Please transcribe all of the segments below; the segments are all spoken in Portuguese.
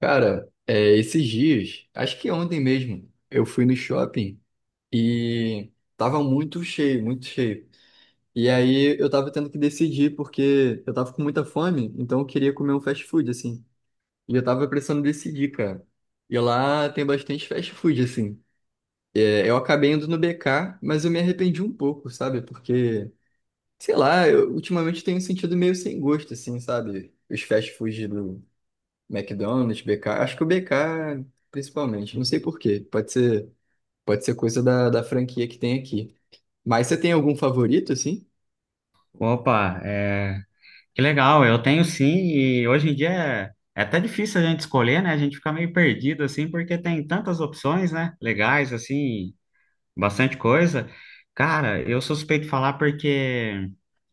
Cara, esses dias, acho que ontem mesmo, eu fui no shopping e tava muito cheio, muito cheio. E aí eu tava tendo que decidir porque eu tava com muita fome, então eu queria comer um fast food, assim. E eu tava precisando decidir, cara. E lá tem bastante fast food, assim. Eu acabei indo no BK, mas eu me arrependi um pouco, sabe? Porque, sei lá, eu ultimamente tenho sentido meio sem gosto, assim, sabe? Os fast food McDonald's, BK, acho que o BK principalmente, não sei por quê, pode ser coisa da franquia que tem aqui. Mas você tem algum favorito, assim? Opa, é... que legal, eu tenho sim, e hoje em dia é até difícil a gente escolher, né? A gente fica meio perdido, assim, porque tem tantas opções, né? Legais, assim, bastante coisa. Cara, eu sou suspeito de falar porque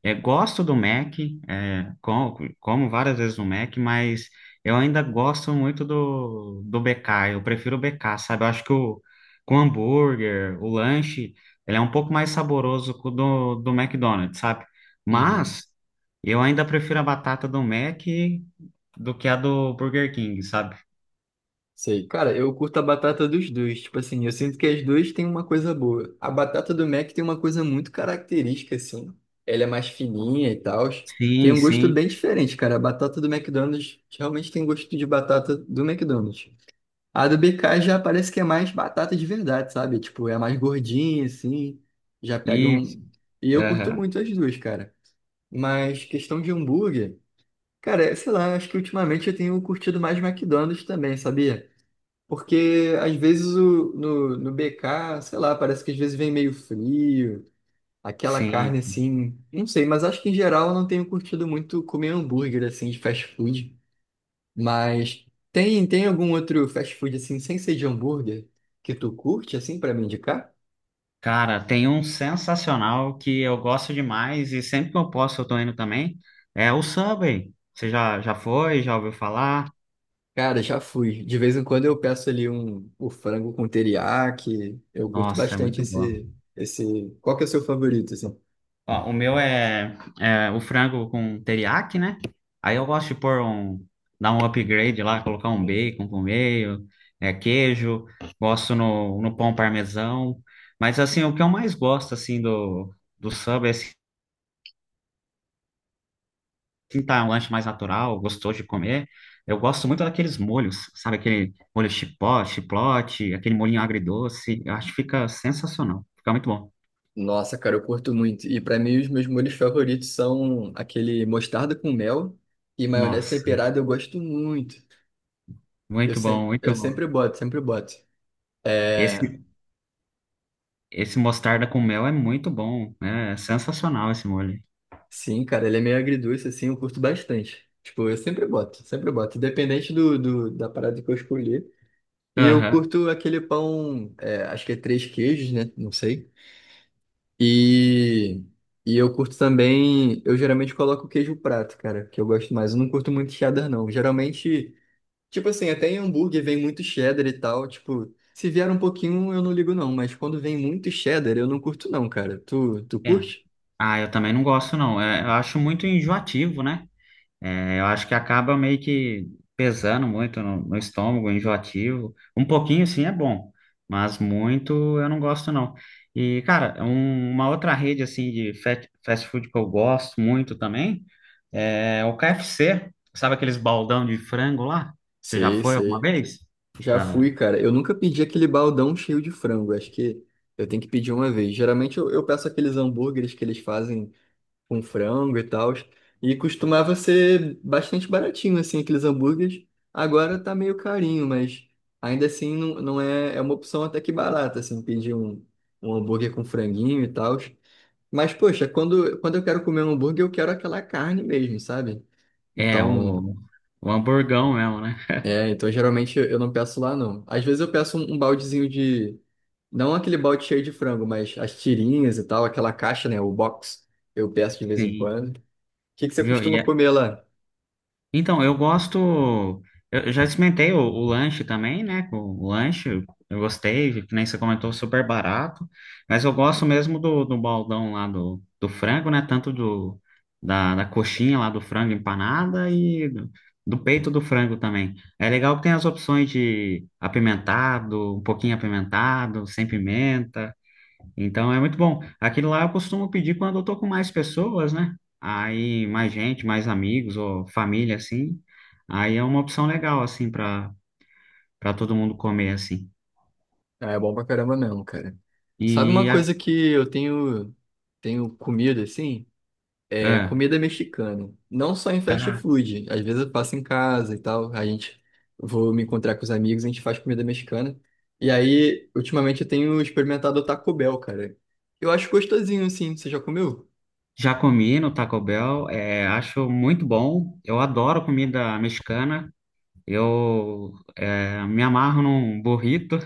gosto do Mac, como várias vezes no Mac, mas eu ainda gosto muito do BK. Eu prefiro o BK, sabe? Eu acho que com hambúrguer, o lanche, ele é um pouco mais saboroso que o do McDonald's, sabe? Uhum. Mas eu ainda prefiro a batata do Mac do que a do Burger King, sabe? Sei. Cara, eu curto a batata dos dois. Tipo assim, eu sinto que as duas têm uma coisa boa. A batata do Mac tem uma coisa muito característica, assim. Ela é mais fininha e tal. Tem Sim, um gosto sim. bem diferente, cara. A batata do McDonald's realmente tem gosto de batata do McDonald's. A do BK já parece que é mais batata de verdade, sabe? Tipo, é mais gordinha, assim, já pega Isso. um... E eu curto Aham. muito as duas, cara. Mas questão de hambúrguer, cara, sei lá, acho que ultimamente eu tenho curtido mais McDonald's também, sabia? Porque às vezes o, no, no BK, sei lá, parece que às vezes vem meio frio, aquela carne Sim. assim, não sei, mas acho que em geral eu não tenho curtido muito comer hambúrguer assim de fast food. Mas tem algum outro fast food assim, sem ser de hambúrguer, que tu curte assim pra me indicar? Cara, tem um sensacional que eu gosto demais e sempre que eu posso eu tô indo também. É o Subway. Você já foi? Já ouviu falar? Cara, já fui. De vez em quando eu peço ali um, o frango com teriyaki. Eu curto Nossa, é bastante muito bom. esse. Qual que é o seu favorito, assim? Ó, o meu é o frango com teriyaki, né? Aí eu gosto de dar um upgrade lá, colocar um bacon por meio, queijo, gosto no pão parmesão. Mas assim, o que eu mais gosto assim do Subway assim, tentar um lanche mais natural, gostoso de comer. Eu gosto muito daqueles molhos, sabe? Aquele chiplote, aquele molhinho agridoce. Eu acho que fica sensacional. Fica muito bom. Nossa, cara, eu curto muito. E pra mim os meus molhos favoritos são aquele mostarda com mel e maionese Nossa, temperada. Eu gosto muito. Eu, muito bom, se... eu muito bom. sempre boto, sempre boto. É, Esse, esse mostarda com mel é muito bom, né? É sensacional esse molho. Sim, cara, ele é meio agridoce, assim, eu curto bastante. Tipo, eu sempre boto, independente da parada que eu escolher. E eu Aham. curto aquele pão, acho que é três queijos, né? Não sei. E, e eu curto também, eu geralmente coloco queijo prato, cara, que eu gosto mais. Eu não curto muito cheddar, não. Geralmente, tipo assim, até em hambúrguer vem muito cheddar e tal, tipo, se vier um pouquinho eu não ligo não, mas quando vem muito cheddar eu não curto não, cara. Tu É. curte? Ah, eu também não gosto, não. É, eu acho muito enjoativo, né? É, eu acho que acaba meio que pesando muito no estômago, enjoativo. Um pouquinho sim é bom, mas muito eu não gosto não. E, cara, uma outra rede assim de fast food que eu gosto muito também é o KFC. Sabe aqueles baldão de frango lá? Você já Sei, foi alguma sei. vez? Já Já. fui, cara. Eu nunca pedi aquele baldão cheio de frango. Acho que eu tenho que pedir uma vez. Geralmente eu peço aqueles hambúrgueres que eles fazem com frango e tal. E costumava ser bastante baratinho, assim, aqueles hambúrgueres. Agora tá meio carinho, mas ainda assim não, não é, é uma opção até que barata, assim, pedir um, um hambúrguer com franguinho e tal. Mas, poxa, quando eu quero comer um hambúrguer, eu quero aquela carne mesmo, sabe? É, Então. O hamburgão mesmo, né? É, então geralmente eu não peço lá, não. Às vezes eu peço um, um baldezinho de. Não aquele balde cheio de frango, mas as tirinhas e tal, aquela caixa, né? O box. Eu peço de vez em Sim. quando. O que que você Viu? costuma comer lá? Então, eu gosto. Eu já experimentei o lanche também, né? Com o lanche, eu gostei, que nem você comentou, super barato. Mas eu gosto mesmo do baldão lá do frango, né? Tanto da coxinha lá do frango empanada e do peito do frango também. É legal que tem as opções de apimentado, um pouquinho apimentado, sem pimenta. Então é muito bom. Aquilo lá eu costumo pedir quando eu tô com mais pessoas, né? Aí mais gente, mais amigos ou família assim. Aí é uma opção legal assim para todo mundo comer assim. Ah, é bom pra caramba mesmo, cara. Sabe uma E a, coisa que eu tenho comido assim? Ah, Comida mexicana. Não só em fast ca- food. Às vezes eu faço em casa e tal. A gente vou me encontrar com os amigos, a gente faz comida mexicana. E aí, ultimamente eu tenho experimentado o Taco Bell, cara. Eu acho gostosinho, assim. Você já comeu? Já comi no Taco Bell, é, acho muito bom. Eu adoro comida mexicana. Me amarro num burrito.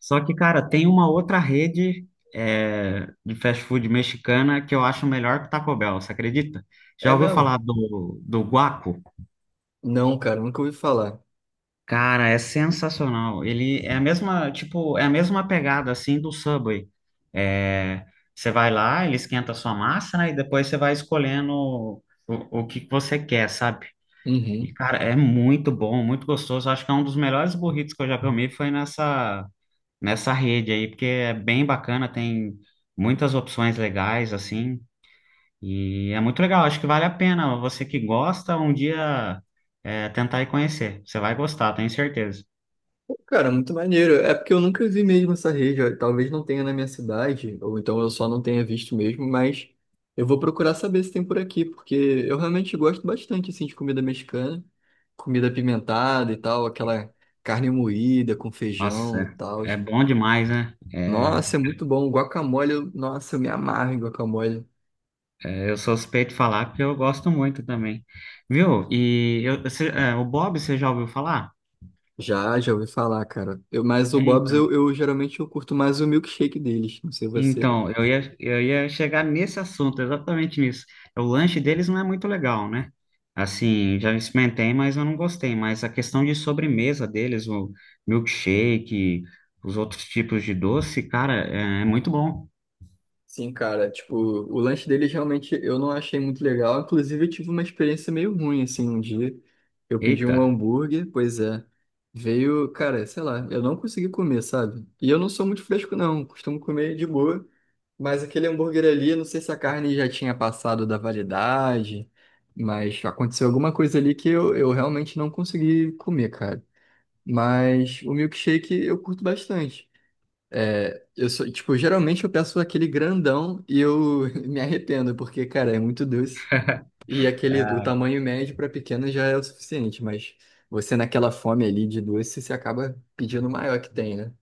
Só que, cara, tem uma outra rede é, de fast food mexicana que eu acho melhor que o Taco Bell, você acredita? Já É ouviu mesmo? falar do Guaco? Não, cara, nunca ouvi falar. Cara, é sensacional. Ele é a mesma, tipo, é a mesma pegada assim do Subway. É, você vai lá, ele esquenta a sua massa, né? E depois você vai escolhendo o que você quer, sabe? E, Uhum. cara, é muito bom, muito gostoso. Acho que é um dos melhores burritos que eu já comi foi nessa rede aí, porque é bem bacana, tem muitas opções legais, assim, e é muito legal, acho que vale a pena. Você que gosta, um dia é, tentar ir conhecer. Você vai gostar, tenho certeza. Cara, muito maneiro. É porque eu nunca vi mesmo essa rede. Ó. Talvez não tenha na minha cidade, ou então eu só não tenha visto mesmo, mas eu vou procurar saber se tem por aqui, porque eu realmente gosto bastante assim de comida mexicana, comida apimentada e tal, aquela carne moída com Nossa, feijão e tal. é bom demais, né? É, Nossa, é muito bom. Guacamole, eu- nossa, eu me amarro em guacamole. eu sou suspeito de falar porque eu gosto muito também. Viu? O Bob, você já ouviu falar? Já, já ouvi falar, cara. Mas o É, Bob's então. Eu geralmente eu curto mais o milkshake deles. Não sei você. Então, eu ia chegar nesse assunto, exatamente nisso. O lanche deles não é muito legal, né? Assim, já experimentei, mas eu não gostei. Mas a questão de sobremesa deles, o milkshake, os outros tipos de doce, cara, é muito bom. Sim, cara, tipo, o lanche deles realmente eu não achei muito legal. Inclusive, eu tive uma experiência meio ruim, assim, um dia. Eu pedi Eita, um hambúrguer, pois é. Veio, cara, sei lá, eu não consegui comer, sabe? E eu não sou muito fresco, não. Costumo comer de boa. Mas aquele hambúrguer ali, não sei se a carne já tinha passado da validade, mas aconteceu alguma coisa ali que eu realmente não consegui comer, cara. Mas o milkshake eu curto bastante. É, eu sou, tipo, geralmente eu peço aquele grandão e eu me arrependo, porque, cara, é muito doce. E aquele, o tamanho médio para pequeno já é o suficiente, mas você naquela fome ali de doce, você acaba pedindo o maior que tem, né?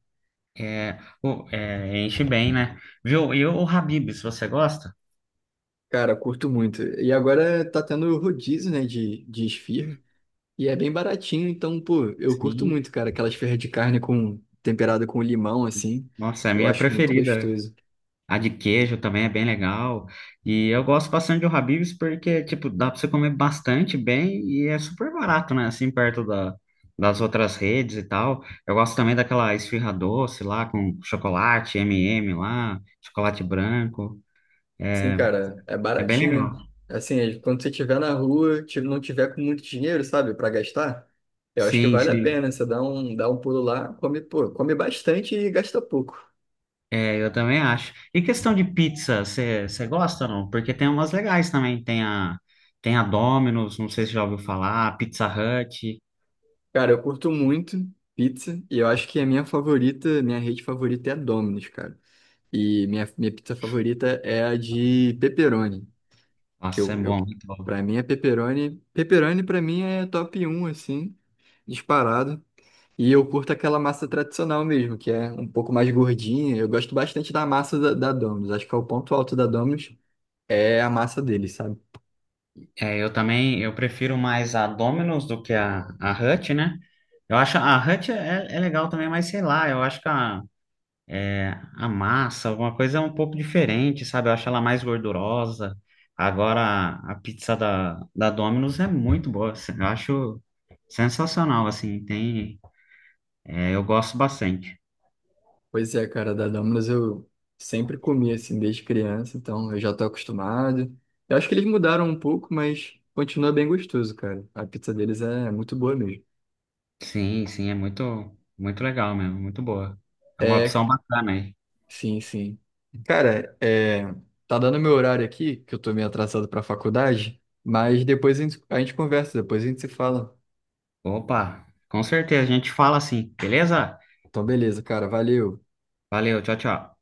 é, pô, é, enche bem, né? Viu? E o Habib's, você gosta? Cara, curto muito. E agora tá tendo rodízio, né, de esfirra. E é bem baratinho, então, pô, eu curto Sim. muito, cara, aquelas esfirra de carne com temperada com limão, assim. Nossa, é a Eu minha acho muito preferida. gostoso. A de queijo também é bem legal. E eu gosto bastante do Habib's porque, tipo, dá pra você comer bastante bem e é super barato, né? Assim, perto das outras redes e tal. Eu gosto também daquela esfirra doce lá com chocolate, M&M lá, chocolate branco. Sim, cara, é É bem baratinho. legal. Assim, quando você tiver na rua, não tiver com muito dinheiro, sabe, para gastar, eu acho que Sim, vale a sim. pena. Você dá um pulo lá, come, pô, come bastante e gasta pouco. É, eu também acho. E questão de pizza, você gosta ou não? Porque tem umas legais também. Tem tem a Domino's, não sei se já ouviu falar, a Pizza Hut. Cara, eu curto muito pizza e eu acho que a minha favorita, minha rede favorita é a Domino's, cara. E minha pizza favorita é a de pepperoni, que Nossa, é bom. eu para mim é pepperoni. Pepperoni para mim é top um assim, disparado. E eu curto aquela massa tradicional mesmo, que é um pouco mais gordinha. Eu gosto bastante da massa da Domino's. Acho que é o ponto alto da Domino's é a massa dele, sabe? É, eu também, eu prefiro mais a Domino's do que a Hut, né? Eu acho a Hut é legal também, mas sei lá, eu acho que é, a massa, alguma coisa é um pouco diferente, sabe? Eu acho ela mais gordurosa. Agora, a pizza da Domino's é muito boa, assim, eu acho sensacional, assim, tem, é, eu gosto bastante. Pois é, cara, da Domino's eu sempre comi assim desde criança, então eu já tô acostumado. Eu acho que eles mudaram um pouco, mas continua bem gostoso, cara. A pizza deles é muito boa mesmo. Sim, sim, é muito, muito legal mesmo, muito boa. É uma É, opção bacana aí. sim, sim. Cara, é, tá dando meu horário aqui, que eu tô meio atrasado pra faculdade, mas depois a gente conversa, depois a gente se fala. Opa, com certeza, a gente fala assim, beleza? Então, beleza, cara. Valeu. Valeu, tchau, tchau.